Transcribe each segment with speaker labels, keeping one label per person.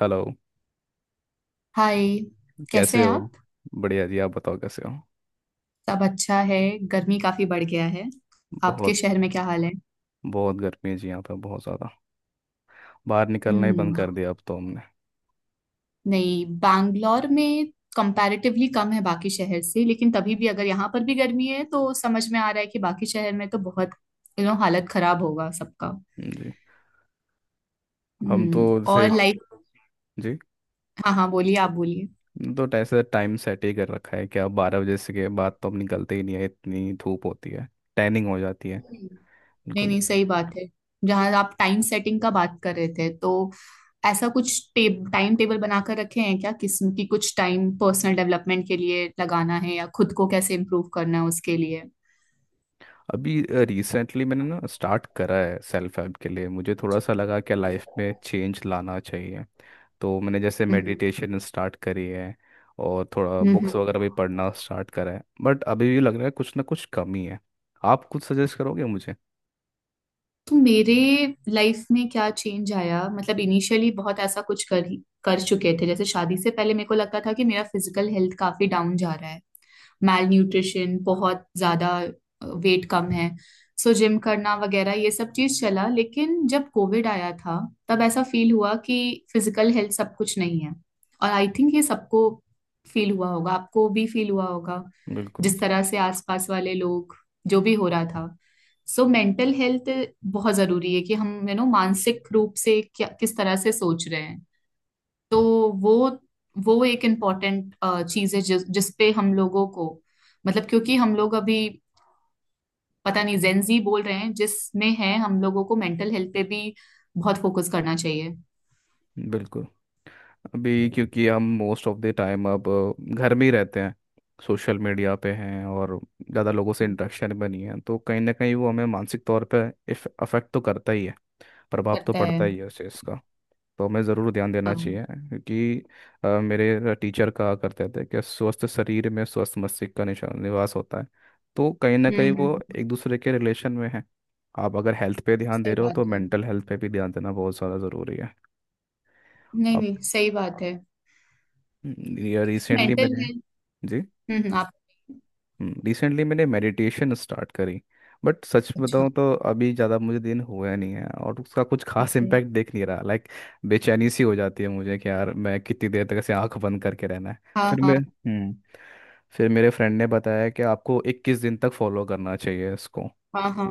Speaker 1: Hello.
Speaker 2: Hi. कैसे
Speaker 1: कैसे
Speaker 2: हैं
Speaker 1: हो?
Speaker 2: आप।
Speaker 1: बढ़िया जी, आप बताओ कैसे हो।
Speaker 2: सब अच्छा है। गर्मी काफी बढ़ गया है। आपके
Speaker 1: बहुत
Speaker 2: शहर में क्या हाल है?
Speaker 1: बहुत गर्मी है जी, यहाँ पे बहुत ज़्यादा। बाहर निकलना ही बंद
Speaker 2: हम्म।
Speaker 1: कर दिया अब तो हमने।
Speaker 2: नहीं, बैंगलोर में कंपैरेटिवली कम है बाकी शहर से, लेकिन तभी भी अगर यहाँ पर भी गर्मी है तो समझ में आ रहा है कि बाकी शहर में तो बहुत हालत खराब होगा सबका।
Speaker 1: जी। हम तो
Speaker 2: हम्म। और
Speaker 1: जैसे
Speaker 2: लाइक।
Speaker 1: जी।
Speaker 2: हाँ हाँ, बोलिए, आप बोलिए।
Speaker 1: तो ऐसे टाइम सेट ही कर रखा है कि अब बारह बजे से के बाद तो हम निकलते ही नहीं है, इतनी धूप होती है। टैनिंग हो जाती है
Speaker 2: नहीं
Speaker 1: बिल्कुल ही।
Speaker 2: नहीं, सही बात है। जहां आप टाइम सेटिंग का बात कर रहे थे, तो ऐसा कुछ टाइम टेबल बनाकर रखे हैं क्या? किस्म की कुछ टाइम पर्सनल डेवलपमेंट के लिए लगाना है या खुद को कैसे इम्प्रूव करना है उसके लिए।
Speaker 1: अभी रिसेंटली मैंने ना स्टार्ट करा है सेल्फ हेल्प के लिए। मुझे थोड़ा सा
Speaker 2: अच्छा।
Speaker 1: लगा कि लाइफ में चेंज लाना चाहिए, तो मैंने जैसे
Speaker 2: हम्म।
Speaker 1: मेडिटेशन स्टार्ट करी है और थोड़ा
Speaker 2: हम्म।
Speaker 1: बुक्स वगैरह भी पढ़ना स्टार्ट करा है, बट अभी भी लग रहा है कुछ ना कुछ कमी है। आप कुछ सजेस्ट करोगे मुझे?
Speaker 2: तो मेरे लाइफ में क्या चेंज आया, मतलब इनिशियली बहुत ऐसा कुछ कर चुके थे। जैसे शादी से पहले मेरे को लगता था कि मेरा फिजिकल हेल्थ काफी डाउन जा रहा है। माल न्यूट्रिशन बहुत ज्यादा, वेट कम है। सो जिम करना वगैरह ये सब चीज चला, लेकिन जब कोविड आया था, तब ऐसा फील हुआ कि फिजिकल हेल्थ सब कुछ नहीं है। और आई थिंक ये सबको फील हुआ होगा, आपको भी फील हुआ होगा।
Speaker 1: बिल्कुल।
Speaker 2: जिस तरह से आसपास वाले लोग, जो भी हो रहा था। सो मेंटल हेल्थ बहुत जरूरी है कि हम मानसिक रूप से क्या किस तरह से सोच रहे। तो वो वो एक इम्पॉर्टेंट चीज है जिस जिस पे हम लोगों को, मतलब क्योंकि हम लोग अभी, पता नहीं जेंजी बोल रहे हैं जिसमें है, हम लोगों को मेंटल हेल्थ पे भी बहुत फोकस करना चाहिए।
Speaker 1: बिल्कुल। अभी क्योंकि हम मोस्ट ऑफ द टाइम अब घर में ही रहते हैं, सोशल मीडिया पे हैं, और ज़्यादा लोगों से
Speaker 2: हम्म।
Speaker 1: इंटरेक्शन भी नहीं है, तो कहीं ना कहीं वो हमें मानसिक तौर पे अफेक्ट तो करता ही है। प्रभाव तो
Speaker 2: करता है।
Speaker 1: पड़ता ही है उस चीज़ का। तो हमें ज़रूर ध्यान देना
Speaker 2: हाँ
Speaker 1: चाहिए क्योंकि मेरे टीचर कहा करते थे कि स्वस्थ शरीर में स्वस्थ मस्तिष्क का निवास होता है। तो कहीं ना कहीं वो
Speaker 2: हम्म,
Speaker 1: एक दूसरे के रिलेशन में है। आप अगर हेल्थ पे ध्यान दे
Speaker 2: सही
Speaker 1: रहे हो
Speaker 2: बात
Speaker 1: तो
Speaker 2: है।
Speaker 1: मेंटल हेल्थ पे भी ध्यान देना बहुत ज़्यादा ज़रूरी है।
Speaker 2: नहीं
Speaker 1: अब
Speaker 2: नहीं, सही बात है।
Speaker 1: ये रिसेंटली
Speaker 2: मेंटल
Speaker 1: मैंने।
Speaker 2: हेल्थ।
Speaker 1: जी।
Speaker 2: आप।
Speaker 1: रिसेंटली मैंने मेडिटेशन स्टार्ट करी, बट सच
Speaker 2: अच्छा।
Speaker 1: बताऊं तो अभी ज़्यादा मुझे दिन हुआ नहीं है और उसका कुछ खास
Speaker 2: ओके।
Speaker 1: इम्पैक्ट दिख नहीं रहा। लाइक बेचैनी सी हो जाती है मुझे कि यार मैं कितनी देर तक ऐसे आंख बंद करके रहना है।
Speaker 2: हाँ
Speaker 1: फिर
Speaker 2: हाँ।
Speaker 1: मैं हम्म फिर मेरे फ्रेंड ने बताया कि आपको 21 दिन तक फॉलो करना चाहिए इसको।
Speaker 2: हाँ हाँ।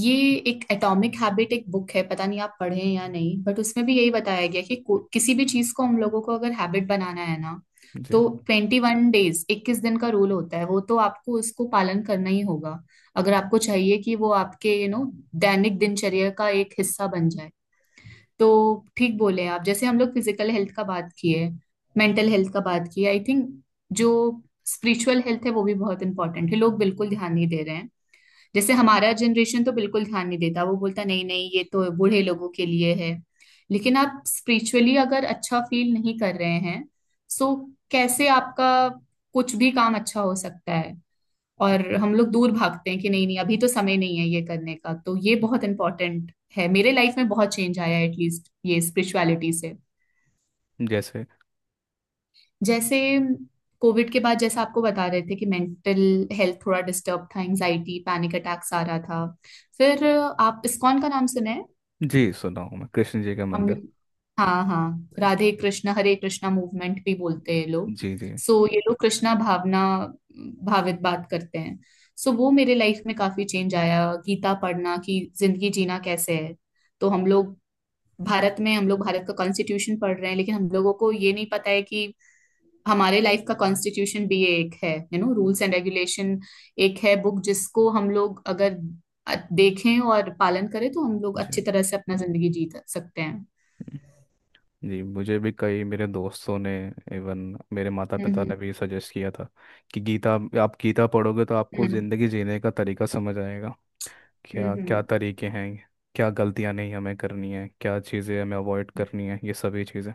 Speaker 2: ये एक एटॉमिक हैबिट एक बुक है, पता नहीं आप पढ़े हैं या नहीं, बट उसमें भी यही बताया गया कि किसी भी चीज को हम लोगों को अगर हैबिट बनाना है ना।
Speaker 1: जी।
Speaker 2: तो 21 डेज, 21 दिन का रूल होता है, वो तो आपको उसको पालन करना ही होगा, अगर आपको चाहिए कि वो आपके दैनिक दिनचर्या का एक हिस्सा बन जाए। तो ठीक बोले आप। जैसे हम लोग फिजिकल हेल्थ का बात किए, मेंटल हेल्थ का बात किए, आई थिंक जो स्पिरिचुअल हेल्थ है वो भी बहुत इंपॉर्टेंट है। लोग बिल्कुल ध्यान नहीं दे रहे हैं। जैसे हमारा जनरेशन तो बिल्कुल ध्यान नहीं देता, वो बोलता नहीं नहीं, ये तो बूढ़े लोगों के लिए है। लेकिन आप स्पिरिचुअली अगर अच्छा फील नहीं कर रहे हैं, सो कैसे आपका कुछ भी काम अच्छा हो सकता है? और हम लोग दूर भागते हैं कि नहीं नहीं अभी तो समय नहीं है ये करने का। तो ये बहुत इंपॉर्टेंट है। मेरे लाइफ में बहुत चेंज आया एटलीस्ट ये स्पिरिचुअलिटी से।
Speaker 1: जैसे।
Speaker 2: जैसे कोविड के बाद, जैसा आपको बता रहे थे कि मेंटल हेल्थ थोड़ा डिस्टर्ब था, एंजाइटी पैनिक अटैक्स आ रहा था। फिर आप इस्कॉन का नाम सुने हैं?
Speaker 1: जी, सुना हूँ मैं, कृष्ण जी का
Speaker 2: हम
Speaker 1: मंदिर।
Speaker 2: लोग। हाँ हाँ, राधे कृष्णा हरे कृष्णा मूवमेंट भी बोलते हैं ये लोग।
Speaker 1: जी जी।
Speaker 2: सो ये लोग कृष्णा भावना भावित बात करते हैं। सो वो मेरे लाइफ में काफी चेंज आया, गीता पढ़ना कि जिंदगी जीना कैसे है। तो हम लोग भारत में हम लोग भारत का कॉन्स्टिट्यूशन पढ़ रहे हैं, लेकिन हम लोगों को ये नहीं पता है कि हमारे लाइफ का कॉन्स्टिट्यूशन भी ये एक है, रूल्स एंड रेगुलेशन। एक है बुक जिसको हम लोग अगर अ- देखें और पालन करें तो हम लोग अच्छी तरह से अपना जिंदगी जी सकते हैं।
Speaker 1: जी। जी, मुझे भी कई मेरे दोस्तों ने, इवन मेरे माता पिता
Speaker 2: हम्म
Speaker 1: ने भी सजेस्ट किया था कि गीता, आप गीता पढ़ोगे तो आपको
Speaker 2: हम्म।
Speaker 1: ज़िंदगी जीने का तरीका समझ आएगा। क्या क्या
Speaker 2: हम्म
Speaker 1: तरीके हैं, क्या गलतियां नहीं हमें करनी है, क्या चीज़ें हमें अवॉइड करनी है, ये सभी चीज़ें।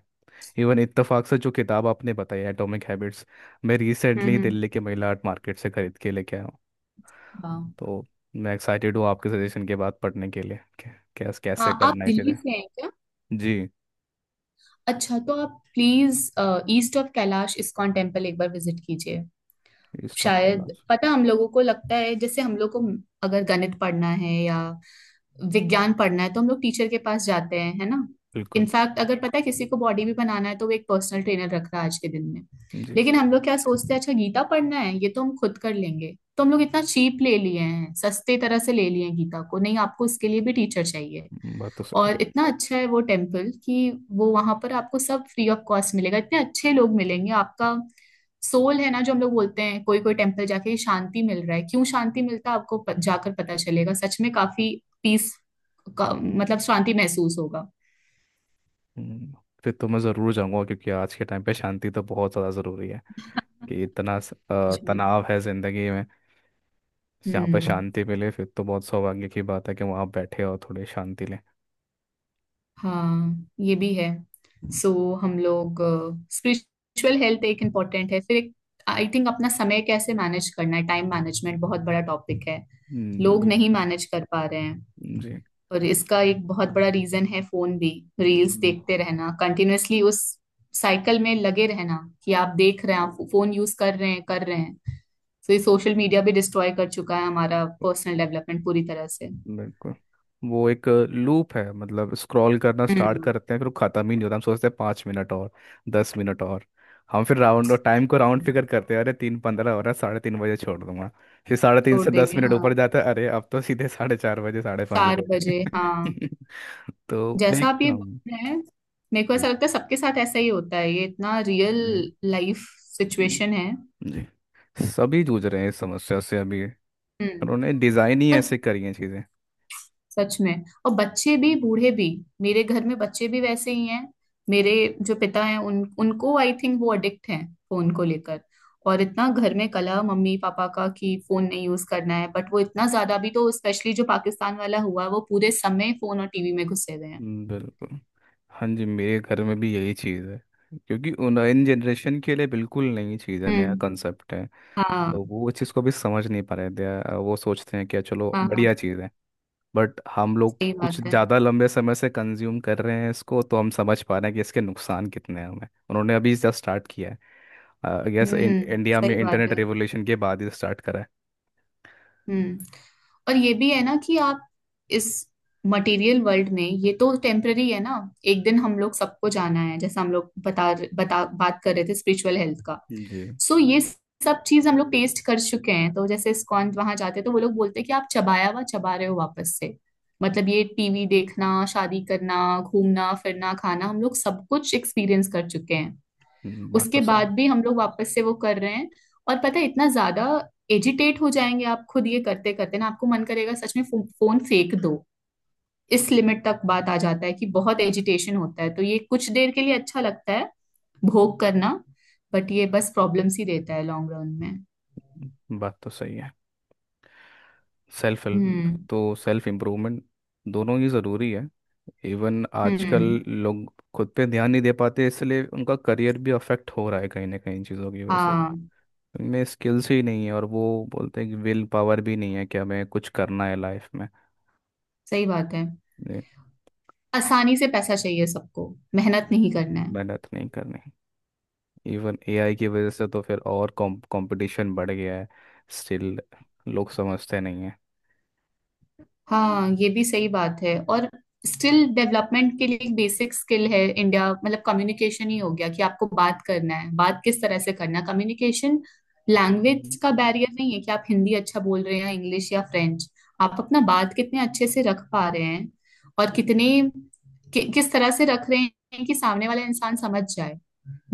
Speaker 1: इवन इत्तेफाक से जो किताब आपने बताई, एटॉमिक हैबिट्स, मैं रिसेंटली
Speaker 2: हम्म।
Speaker 1: दिल्ली के महिला आर्ट मार्केट से खरीद के लेके आया हूँ।
Speaker 2: वाह।
Speaker 1: तो मैं एक्साइटेड हूँ आपके सजेशन के बाद पढ़ने के लिए कैसे
Speaker 2: हाँ,
Speaker 1: कैसे
Speaker 2: आप
Speaker 1: करना है
Speaker 2: दिल्ली
Speaker 1: चीज़ें।
Speaker 2: से हैं क्या?
Speaker 1: जी।
Speaker 2: अच्छा, तो आप please east of Kailash ISKCON temple एक बार विजिट कीजिए।
Speaker 1: इस टॉप के अलावा।
Speaker 2: शायद पता, हम लोगों को लगता है जैसे हम लोग को अगर गणित पढ़ना है या विज्ञान पढ़ना है तो हम लोग टीचर के पास जाते हैं, है ना?
Speaker 1: बिल्कुल।
Speaker 2: इनफैक्ट अगर पता है किसी को बॉडी भी बनाना है तो वो एक पर्सनल ट्रेनर रख रहा है आज के दिन में।
Speaker 1: जी।
Speaker 2: लेकिन हम लोग क्या सोचते हैं, अच्छा गीता पढ़ना है ये तो हम खुद कर लेंगे। तो हम लोग इतना चीप ले लिए हैं, सस्ते तरह से ले लिए हैं गीता को। नहीं, आपको इसके लिए भी टीचर चाहिए।
Speaker 1: बात तो सही है।
Speaker 2: और इतना अच्छा है वो टेम्पल कि वो वहां पर आपको सब फ्री ऑफ कॉस्ट मिलेगा, इतने अच्छे लोग मिलेंगे। आपका सोल है ना जो हम लोग बोलते हैं, कोई कोई टेम्पल जाके ये शांति मिल रहा है। क्यों शांति मिलता है आपको? जाकर पता चलेगा, सच में काफी पीस का, मतलब शांति महसूस होगा।
Speaker 1: हम्म, फिर तो मैं ज़रूर जाऊंगा क्योंकि आज के टाइम पे शांति तो बहुत ज़्यादा ज़रूरी है। कि इतना
Speaker 2: सच में।
Speaker 1: तनाव है ज़िंदगी में। जहाँ पे
Speaker 2: हम्म।
Speaker 1: शांति मिले फिर तो बहुत सौभाग्य की बात है कि वहाँ आप बैठे और थोड़ी शांति लें।
Speaker 2: हाँ ये भी है।
Speaker 1: हम्म।
Speaker 2: सो हम लोग, स्पिरिचुअल हेल्थ एक इम्पोर्टेंट है। फिर एक, आई थिंक अपना समय कैसे मैनेज करना है, टाइम मैनेजमेंट बहुत बड़ा टॉपिक है। लोग
Speaker 1: ये
Speaker 2: नहीं
Speaker 1: भी है।
Speaker 2: मैनेज कर पा रहे हैं।
Speaker 1: जी।
Speaker 2: और इसका एक बहुत बड़ा रीजन है फोन भी, रील्स
Speaker 1: हम्म,
Speaker 2: देखते रहना कंटिन्यूअसली, उस साइकिल में लगे रहना कि आप देख रहे हैं, आप फोन यूज कर रहे हैं कर रहे हैं। तो ये सोशल मीडिया भी डिस्ट्रॉय कर चुका है हमारा पर्सनल डेवलपमेंट पूरी तरह से।
Speaker 1: बिल्कुल। वो एक लूप है, मतलब स्क्रॉल करना स्टार्ट
Speaker 2: हम्म।
Speaker 1: करते हैं फिर वो खत्म ही नहीं होता। हम सोचते हैं पाँच मिनट और, दस मिनट और। हम फिर राउंड, और टाइम को राउंड फिगर करते हैं, अरे तीन पंद्रह हो रहा है, साढ़े तीन बजे छोड़ दूंगा। फिर साढ़े तीन
Speaker 2: छोड़
Speaker 1: से दस
Speaker 2: देंगे
Speaker 1: मिनट ऊपर
Speaker 2: हाँ।
Speaker 1: जाता है, अरे अब तो सीधे साढ़े चार बजे, साढ़े पाँच बजे
Speaker 2: चार
Speaker 1: होते
Speaker 2: बजे हाँ।
Speaker 1: हैं। तो
Speaker 2: जैसा
Speaker 1: एक
Speaker 2: आप ये
Speaker 1: हम-
Speaker 2: बोल रहे हैं, मेरे को
Speaker 1: जी।
Speaker 2: ऐसा लगता है सबके साथ ऐसा ही होता है, ये इतना रियल
Speaker 1: जी।
Speaker 2: लाइफ सिचुएशन है।
Speaker 1: जी, सभी जूझ रहे हैं इस समस्या से अभी।
Speaker 2: हम्म।
Speaker 1: उन्होंने डिज़ाइन ही
Speaker 2: और
Speaker 1: ऐसे करी है चीज़ें।
Speaker 2: सच में, और बच्चे भी बूढ़े भी, मेरे घर में बच्चे भी वैसे ही हैं। मेरे जो पिता हैं, उन उनको आई थिंक वो अडिक्ट हैं फोन को लेकर। और इतना घर में कलह मम्मी पापा का कि फोन नहीं यूज करना है, बट वो इतना ज्यादा भी, तो स्पेशली जो पाकिस्तान वाला हुआ, वो पूरे समय फोन और टीवी में घुसे हुए हैं।
Speaker 1: बिल्कुल। हाँ जी, मेरे घर में भी यही चीज़ है क्योंकि उन इन जनरेशन के लिए बिल्कुल नई चीज़ है, नया
Speaker 2: हम्म।
Speaker 1: कंसेप्ट है। तो
Speaker 2: हाँ
Speaker 1: वो इस चीज़ को भी समझ नहीं पा रहे थे। वो सोचते हैं कि चलो
Speaker 2: हाँ। हाँ,
Speaker 1: बढ़िया चीज़ है। बट हम लोग
Speaker 2: सही बात
Speaker 1: कुछ
Speaker 2: है।
Speaker 1: ज़्यादा लंबे समय से कंज्यूम कर रहे हैं इसको, तो हम समझ पा रहे हैं कि इसके नुकसान कितने हैं। हमें, उन्होंने अभी जस्ट स्टार्ट किया है। आई गेस इंडिया में
Speaker 2: सही बात
Speaker 1: इंटरनेट
Speaker 2: है।
Speaker 1: रेवोल्यूशन के बाद ही स्टार्ट करा है।
Speaker 2: हम्म। और ये भी है ना कि आप इस मटेरियल वर्ल्ड में, ये तो टेम्पररी है ना। एक दिन हम लोग सबको जाना है, जैसे हम लोग बता बता बात कर रहे थे स्पिरिचुअल हेल्थ का।
Speaker 1: जी।
Speaker 2: सो ये सब चीज हम लोग टेस्ट कर चुके हैं, तो जैसे इस्कॉन वहां जाते हैं तो वो लोग बोलते हैं कि आप चबाया हुआ चबा रहे हो वापस से। मतलब ये टीवी देखना, शादी करना, घूमना फिरना, खाना, हम लोग सब कुछ एक्सपीरियंस कर चुके हैं।
Speaker 1: हम्म, बात तो
Speaker 2: उसके
Speaker 1: सही
Speaker 2: बाद भी हम लोग वापस से वो कर रहे हैं। और पता है, इतना ज्यादा एजिटेट हो जाएंगे आप खुद ये करते करते, ना आपको मन करेगा सच में फोन फेंक दो। इस लिमिट तक बात आ जाता है कि बहुत एजिटेशन होता है। तो ये कुछ देर के लिए अच्छा लगता है, भोग करना, बट ये बस प्रॉब्लम्स ही देता है लॉन्ग रन में।
Speaker 1: बात तो सही है। सेल्फ हेल्प
Speaker 2: हम्म।
Speaker 1: तो सेल्फ इम्प्रूवमेंट, दोनों ही ज़रूरी है। इवन आजकल
Speaker 2: हम्म।
Speaker 1: लोग खुद पे ध्यान नहीं दे पाते इसलिए उनका करियर भी अफेक्ट हो रहा है कहीं ना कहीं इन चीज़ों की वजह से।
Speaker 2: हाँ,
Speaker 1: उनमें स्किल्स ही नहीं है और वो बोलते हैं कि विल पावर भी नहीं है कि हमें कुछ करना है लाइफ में।
Speaker 2: सही बात है।
Speaker 1: ये
Speaker 2: आसानी से पैसा चाहिए सबको, मेहनत नहीं करना है।
Speaker 1: मेहनत नहीं करनी। इवन एआई की वजह से तो फिर और कंपटीशन बढ़ गया है। स्टिल लोग समझते नहीं है।
Speaker 2: हाँ, ये भी सही बात है। और स्किल डेवलपमेंट के लिए एक बेसिक स्किल है इंडिया, मतलब कम्युनिकेशन ही हो गया, कि आपको बात करना है, बात किस तरह से करना है। कम्युनिकेशन, लैंग्वेज
Speaker 1: हम्म,
Speaker 2: का बैरियर नहीं है कि आप हिंदी अच्छा बोल रहे हैं या इंग्लिश या फ्रेंच। आप अपना बात कितने अच्छे से रख पा रहे हैं, और कितने किस तरह से रख रहे हैं कि सामने वाला इंसान समझ जाए।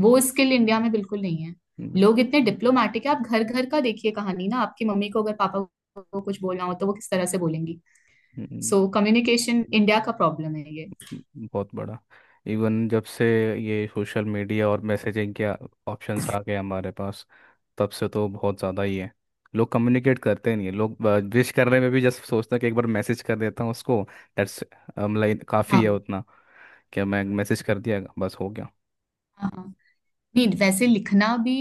Speaker 2: वो स्किल इंडिया में बिल्कुल नहीं है। लोग इतने डिप्लोमेटिक है। आप घर घर का देखिए कहानी ना, आपकी मम्मी को अगर पापा को कुछ बोलना हो तो वो किस तरह से बोलेंगी।
Speaker 1: बिल्कुल।
Speaker 2: सो कम्युनिकेशन इंडिया का प्रॉब्लम है ये।
Speaker 1: बहुत बड़ा। इवन जब से ये सोशल मीडिया और मैसेजिंग के ऑप्शंस आ गए हमारे पास, तब से तो बहुत ज़्यादा ही है। लोग कम्युनिकेट करते नहीं है। लोग विश करने में भी जस्ट सोचते हैं कि एक बार मैसेज कर देता हूँ उसको। दैट्स लाइक काफ़ी है
Speaker 2: हाँ
Speaker 1: उतना, कि मैं मैसेज कर दिया बस हो गया।
Speaker 2: हाँ हाँ। नहीं, वैसे लिखना भी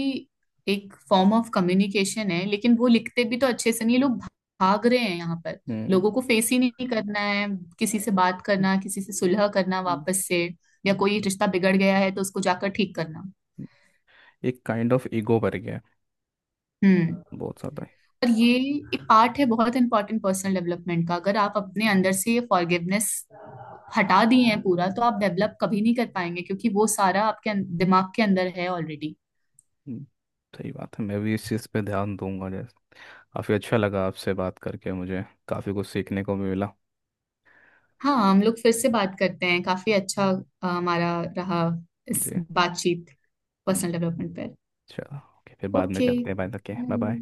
Speaker 2: एक फॉर्म ऑफ कम्युनिकेशन है, लेकिन वो लिखते भी तो अच्छे से नहीं लोग। भाग रहे हैं यहाँ पर।
Speaker 1: हम्म।
Speaker 2: लोगों को फेस ही नहीं करना है, किसी से बात
Speaker 1: हम्म।
Speaker 2: करना, किसी से सुलह करना
Speaker 1: हम्म।
Speaker 2: वापस से, या कोई रिश्ता बिगड़ गया है तो उसको जाकर ठीक करना।
Speaker 1: हम्म। एक काइंड ऑफ ईगो भर गया है,
Speaker 2: हम्म।
Speaker 1: बहुत ज़्यादा ही।
Speaker 2: पर ये एक पार्ट है बहुत इंपॉर्टेंट पर्सनल डेवलपमेंट का। अगर आप अपने अंदर से ये फॉरगिवनेस हटा दिए हैं पूरा, तो आप डेवलप कभी नहीं कर पाएंगे, क्योंकि वो सारा आपके दिमाग के अंदर है ऑलरेडी।
Speaker 1: हम्म, सही बात है। मैं भी इस चीज़ पे ध्यान दूंगा। जैसे काफ़ी अच्छा लगा आपसे बात करके, मुझे काफ़ी कुछ सीखने को भी मिला।
Speaker 2: हाँ, हम लोग फिर से बात करते हैं, काफी अच्छा हमारा रहा इस
Speaker 1: जी।
Speaker 2: बातचीत,
Speaker 1: हम्म।
Speaker 2: पर्सनल डेवलपमेंट पर।
Speaker 1: चलो ओके, फिर बाद में
Speaker 2: ओके
Speaker 1: करते हैं बात। Okay, bye
Speaker 2: bye.
Speaker 1: बाय।